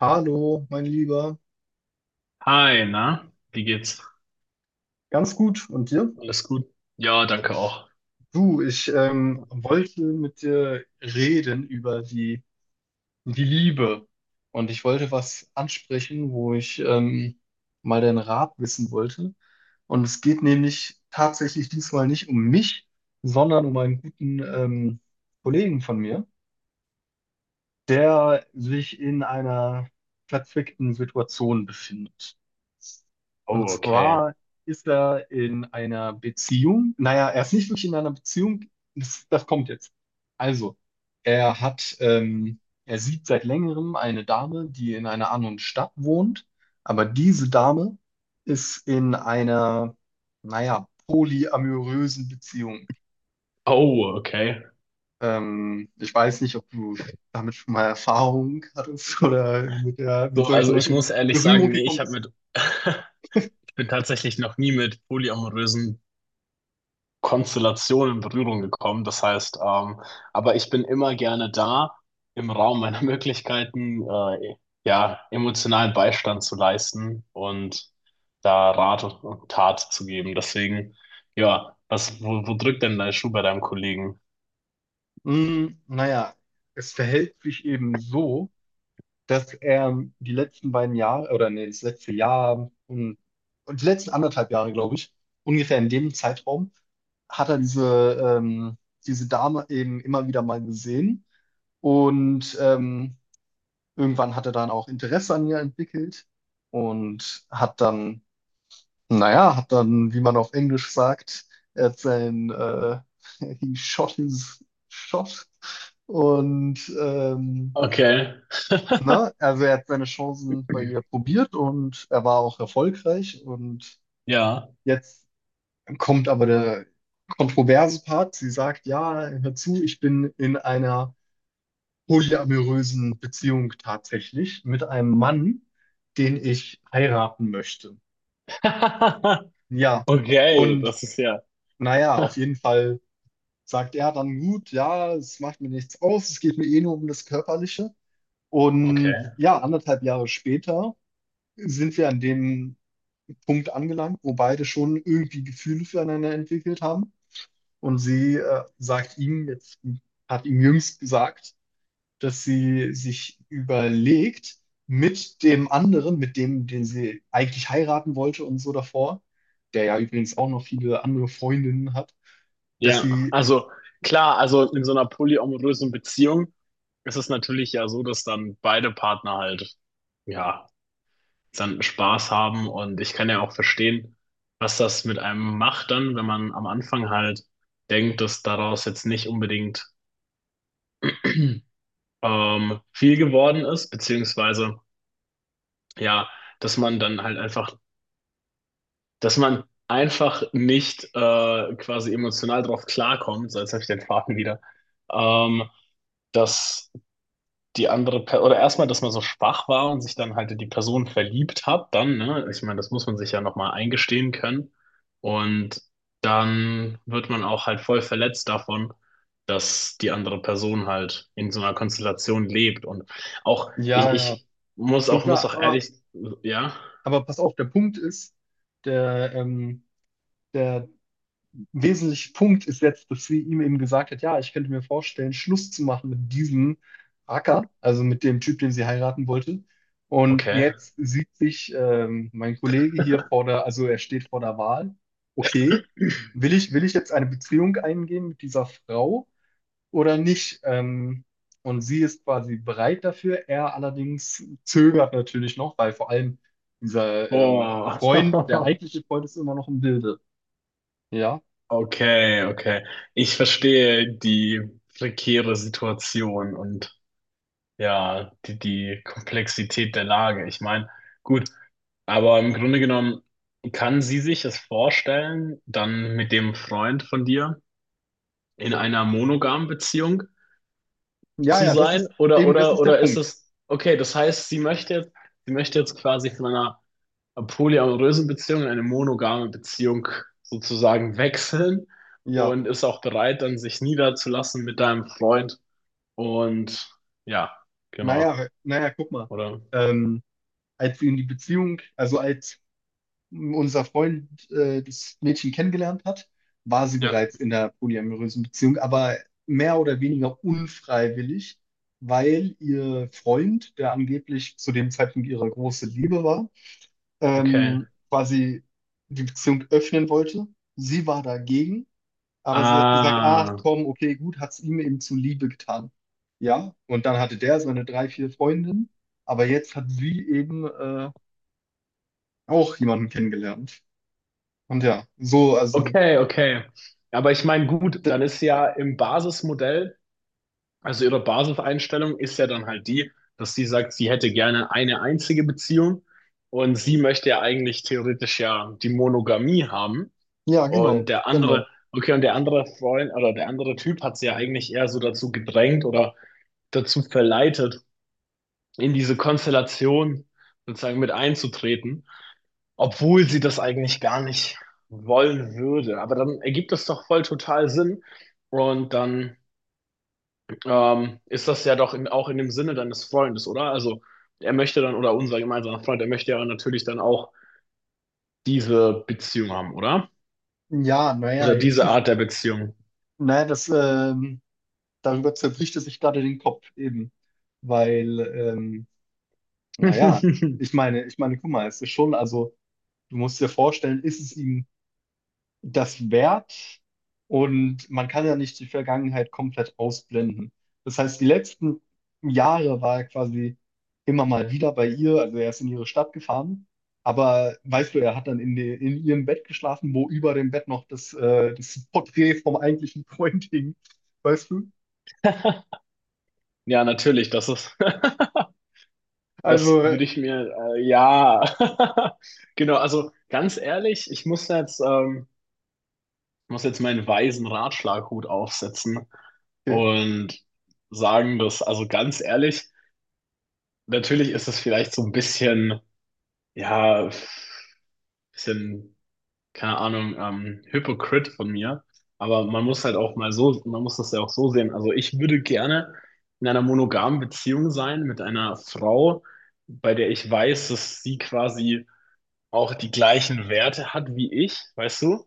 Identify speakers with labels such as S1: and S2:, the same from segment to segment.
S1: Hallo, mein Lieber.
S2: Hi, na, wie geht's?
S1: Ganz gut. Und dir?
S2: Alles gut? Ja, danke auch.
S1: Du, ich wollte mit dir reden über die Liebe. Und ich wollte was ansprechen, wo ich mal deinen Rat wissen wollte. Und es geht nämlich tatsächlich diesmal nicht um mich, sondern um einen guten Kollegen von mir, der sich in einer verzwickten Situation befindet. Und
S2: Oh, okay.
S1: zwar ist er in einer Beziehung. Naja, er ist nicht wirklich in einer Beziehung. Das kommt jetzt. Also, er sieht seit längerem eine Dame, die in einer anderen Stadt wohnt. Aber diese Dame ist in einer, naja, polyamorösen Beziehung.
S2: Oh, okay.
S1: Ich weiß nicht, ob du damit schon mal Erfahrung hattest oder mit mit
S2: So,
S1: solchen
S2: also ich
S1: Leuten
S2: muss
S1: in
S2: ehrlich
S1: Berührung
S2: sagen, nee,
S1: gekommen
S2: ich habe
S1: bist.
S2: mit, ich bin tatsächlich noch nie mit polyamorösen Konstellationen in Berührung gekommen. Das heißt, aber ich bin immer gerne da, im Raum meiner Möglichkeiten, ja, emotionalen Beistand zu leisten und da Rat und Tat zu geben. Deswegen, ja, was, wo, wo drückt denn dein Schuh bei deinem Kollegen?
S1: Naja, es verhält sich eben so, dass er die letzten beiden Jahre, oder nee, das letzte Jahr und die letzten anderthalb Jahre, glaube ich, ungefähr in dem Zeitraum, hat er diese Dame eben immer wieder mal gesehen. Und irgendwann hat er dann auch Interesse an ihr entwickelt und hat dann hat dann, wie man auf Englisch sagt, er hat sein, äh, he shot his shot und ähm,
S2: Okay,
S1: ne, also er hat seine Chancen bei ihr probiert und er war auch erfolgreich. Und
S2: ja.
S1: jetzt kommt aber der kontroverse Part. Sie sagt, ja, hör zu, ich bin in einer polyamorösen Beziehung tatsächlich mit einem Mann, den ich heiraten möchte. Ja,
S2: Okay,
S1: und
S2: das ist ja.
S1: naja, auf jeden Fall sagt, ja, dann gut, ja, es macht mir nichts aus, es geht mir eh nur um das Körperliche. Und
S2: Okay.
S1: ja, anderthalb Jahre später sind wir an dem Punkt angelangt, wo beide schon irgendwie Gefühle füreinander entwickelt haben. Und sie sagt ihm, jetzt hat ihm jüngst gesagt, dass sie sich überlegt, mit dem anderen, mit dem, den sie eigentlich heiraten wollte und so davor, der ja übrigens auch noch viele andere Freundinnen hat, dass
S2: Ja,
S1: sie,
S2: also klar, also in so einer polyamorösen Beziehung ist es natürlich ja so, dass dann beide Partner halt, ja, dann Spaß haben und ich kann ja auch verstehen, was das mit einem macht dann, wenn man am Anfang halt denkt, dass daraus jetzt nicht unbedingt viel geworden ist, beziehungsweise ja, dass man dann halt einfach, dass man einfach nicht quasi emotional drauf klarkommt, so jetzt habe ich den Faden wieder, ähm, dass die andere per oder erstmal, dass man so schwach war und sich dann halt in die Person verliebt hat, dann, ne? Ich meine, das muss man sich ja nochmal eingestehen können. Und dann wird man auch halt voll verletzt davon, dass die andere Person halt in so einer Konstellation lebt. Und auch, ich,
S1: ja, ja,
S2: ich
S1: schon
S2: muss
S1: klar,
S2: auch
S1: aber
S2: ehrlich, ja,
S1: Pass auf, der Punkt ist, der, ähm, der wesentliche Punkt ist jetzt, dass sie ihm eben gesagt hat, ja, ich könnte mir vorstellen, Schluss zu machen mit diesem Acker, also mit dem Typ, den sie heiraten wollte. Und
S2: okay.
S1: jetzt sieht sich mein Kollege hier also er steht vor der Wahl, okay, will ich jetzt eine Beziehung eingehen mit dieser Frau oder nicht. Und sie ist quasi bereit dafür. Er allerdings zögert natürlich noch, weil vor allem dieser
S2: Boah.
S1: Freund, der eigentliche Freund, ist immer noch im Bilde Ja,
S2: Okay, okay. Ich verstehe die prekäre Situation und ja, die, die Komplexität der Lage. Ich meine, gut, aber im Grunde genommen kann sie sich es vorstellen, dann mit dem Freund von dir in einer monogamen Beziehung
S1: ja,
S2: zu
S1: ja, das
S2: sein?
S1: ist eben, das ist der
S2: Oder ist
S1: Punkt.
S2: es, okay, das heißt, sie möchte jetzt quasi von einer polyamorösen Beziehung in eine monogame Beziehung sozusagen wechseln
S1: Ja,
S2: und ist auch bereit, dann sich niederzulassen mit deinem Freund. Und ja, genau,
S1: naja, guck mal.
S2: oder?
S1: Ähm, als sie in die Beziehung, also als unser Freund das Mädchen kennengelernt hat, war sie
S2: Ja.
S1: bereits in einer polyamorösen Beziehung, aber mehr oder weniger unfreiwillig, weil ihr Freund, der angeblich zu dem Zeitpunkt ihre große Liebe war,
S2: Okay.
S1: quasi die Beziehung öffnen wollte. Sie war dagegen, aber sie hat gesagt,
S2: Ah,
S1: ah, komm, okay, gut, hat es ihm eben zuliebe getan. Ja, und dann hatte der seine drei, vier Freundinnen, aber jetzt hat sie eben auch jemanden kennengelernt. Und ja, so, also,
S2: okay, okay. Ja, aber ich meine, gut,
S1: d-
S2: dann ist ja im Basismodell, also ihre Basiseinstellung ist ja dann halt die, dass sie sagt, sie hätte gerne eine einzige Beziehung und sie möchte ja eigentlich theoretisch ja die Monogamie haben.
S1: ja,
S2: Und der andere,
S1: genau.
S2: okay, und der andere Freund oder der andere Typ hat sie ja eigentlich eher so dazu gedrängt oder dazu verleitet, in diese Konstellation sozusagen mit einzutreten, obwohl sie das eigentlich gar nicht wollen würde. Aber dann ergibt das doch voll total Sinn. Und dann ist das ja doch in, auch in dem Sinne deines Freundes, oder? Also er möchte dann, oder unser gemeinsamer Freund, er möchte ja natürlich dann auch diese Beziehung haben, oder?
S1: Ja, naja,
S2: Oder
S1: jetzt
S2: diese
S1: ist,
S2: Art der Beziehung.
S1: naja, das, darüber zerbricht es sich gerade den Kopf eben, weil, ähm, naja, ich meine, guck mal, es ist schon, also, du musst dir vorstellen, ist es ihm das währt und man kann ja nicht die Vergangenheit komplett ausblenden. Das heißt, die letzten Jahre war er quasi immer mal wieder bei ihr, also er ist in ihre Stadt gefahren, aber weißt du, er hat dann in ihrem Bett geschlafen, wo über dem Bett noch das Porträt vom eigentlichen Freund hing, weißt du?
S2: Ja, natürlich, das ist, das
S1: Also,
S2: würde ich mir, ja, genau, also ganz ehrlich, ich muss jetzt meinen weisen Ratschlaghut aufsetzen
S1: äh,
S2: und sagen, dass, also ganz ehrlich, natürlich ist es vielleicht so ein bisschen, ja, bisschen, keine Ahnung, Hypocrite von mir, aber man muss halt auch mal so, man muss das ja auch so sehen. Also ich würde gerne in einer monogamen Beziehung sein mit einer Frau, bei der ich weiß, dass sie quasi auch die gleichen Werte hat wie ich, weißt du?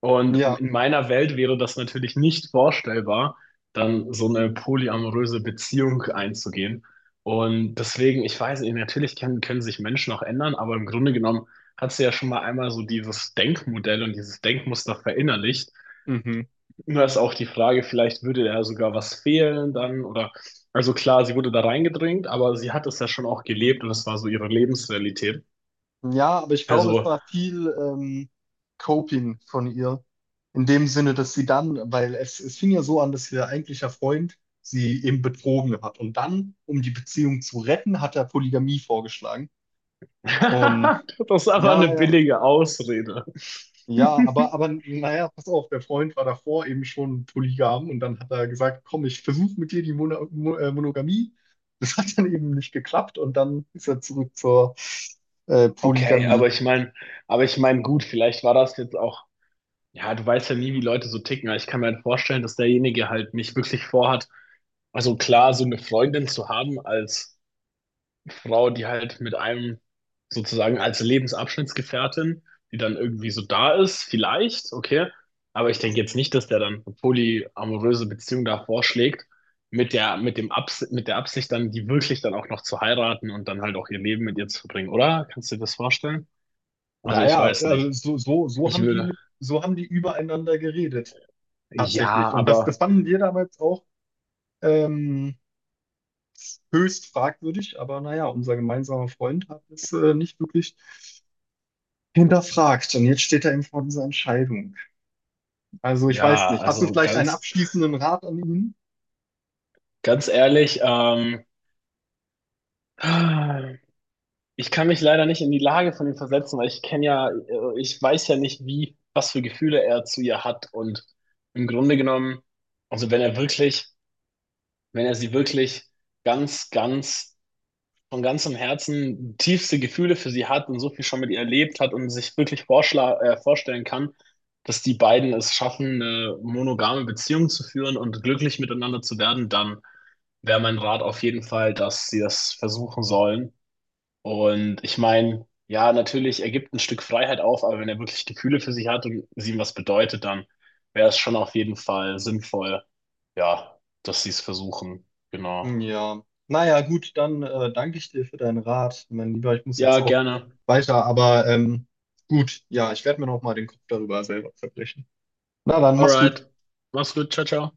S2: Und
S1: ja.
S2: in meiner Welt wäre das natürlich nicht vorstellbar, dann so eine polyamoröse Beziehung einzugehen. Und deswegen, ich weiß nicht, natürlich können, können sich Menschen auch ändern, aber im Grunde genommen hat sie ja schon mal einmal so dieses Denkmodell und dieses Denkmuster verinnerlicht.
S1: Mhm.
S2: Nur ist auch die Frage, vielleicht würde da sogar was fehlen dann oder, also klar, sie wurde da reingedrängt, aber sie hat es ja schon auch gelebt und es war so ihre Lebensrealität.
S1: Ja, aber ich glaube, es
S2: Also,
S1: war viel Coping von ihr. In dem Sinne, dass sie dann, es fing ja so an, dass ihr eigentlicher Freund sie eben betrogen hat. Und dann, um die Beziehung zu retten, hat er Polygamie vorgeschlagen. Und
S2: das ist aber eine
S1: ja, ja,
S2: billige Ausrede.
S1: ja, aber naja, pass auf, der Freund war davor eben schon polygam und dann hat er gesagt, komm, ich versuche mit dir die Monogamie. Das hat dann eben nicht geklappt und dann ist er zurück zur
S2: Okay,
S1: Polygamie.
S2: aber ich meine, gut, vielleicht war das jetzt auch, ja, du weißt ja nie, wie Leute so ticken, aber ich kann mir halt vorstellen, dass derjenige halt nicht wirklich vorhat, also klar, so eine Freundin zu haben als Frau, die halt mit einem sozusagen als Lebensabschnittsgefährtin, die dann irgendwie so da ist, vielleicht, okay, aber ich denke jetzt nicht, dass der dann eine polyamoröse Beziehung da vorschlägt, mit der, mit dem Abs mit der Absicht dann, die wirklich dann auch noch zu heiraten und dann halt auch ihr Leben mit ihr zu verbringen, oder? Kannst du dir das vorstellen? Also ich
S1: Naja,
S2: weiß nicht.
S1: also so
S2: Ich
S1: haben
S2: würde.
S1: so haben die übereinander geredet,
S2: Ja,
S1: tatsächlich. Und das
S2: aber
S1: fanden wir damals auch ähm, höchst fragwürdig, aber naja, unser gemeinsamer Freund hat es nicht wirklich hinterfragt. Und jetzt steht er eben vor dieser Entscheidung. Also ich weiß
S2: ja,
S1: nicht. Hast du
S2: also
S1: vielleicht einen
S2: ganz,
S1: abschließenden Rat an ihn?
S2: ganz ehrlich, ich kann mich leider nicht in die Lage von ihm versetzen, weil ich kenne ja, ich weiß ja nicht, wie, was für Gefühle er zu ihr hat. Und im Grunde genommen, also wenn er wirklich, wenn er sie wirklich ganz, ganz von ganzem Herzen tiefste Gefühle für sie hat und so viel schon mit ihr erlebt hat und sich wirklich vorschla vorstellen kann, dass die beiden es schaffen, eine monogame Beziehung zu führen und glücklich miteinander zu werden, dann wäre mein Rat auf jeden Fall, dass sie das versuchen sollen. Und ich meine, ja, natürlich, er gibt ein Stück Freiheit auf, aber wenn er wirklich Gefühle für sie hat und sie ihm was bedeutet, dann wäre es schon auf jeden Fall sinnvoll, ja, dass sie es versuchen. Genau.
S1: Ja. Naja, gut, dann danke ich dir für deinen Rat. Mein Lieber, ich muss jetzt
S2: Ja,
S1: auch
S2: gerne.
S1: weiter, aber gut, ja, ich werde mir noch mal den Kopf darüber selber zerbrechen. Na dann, mach's gut.
S2: Alright. Mach's gut. Ciao, ciao.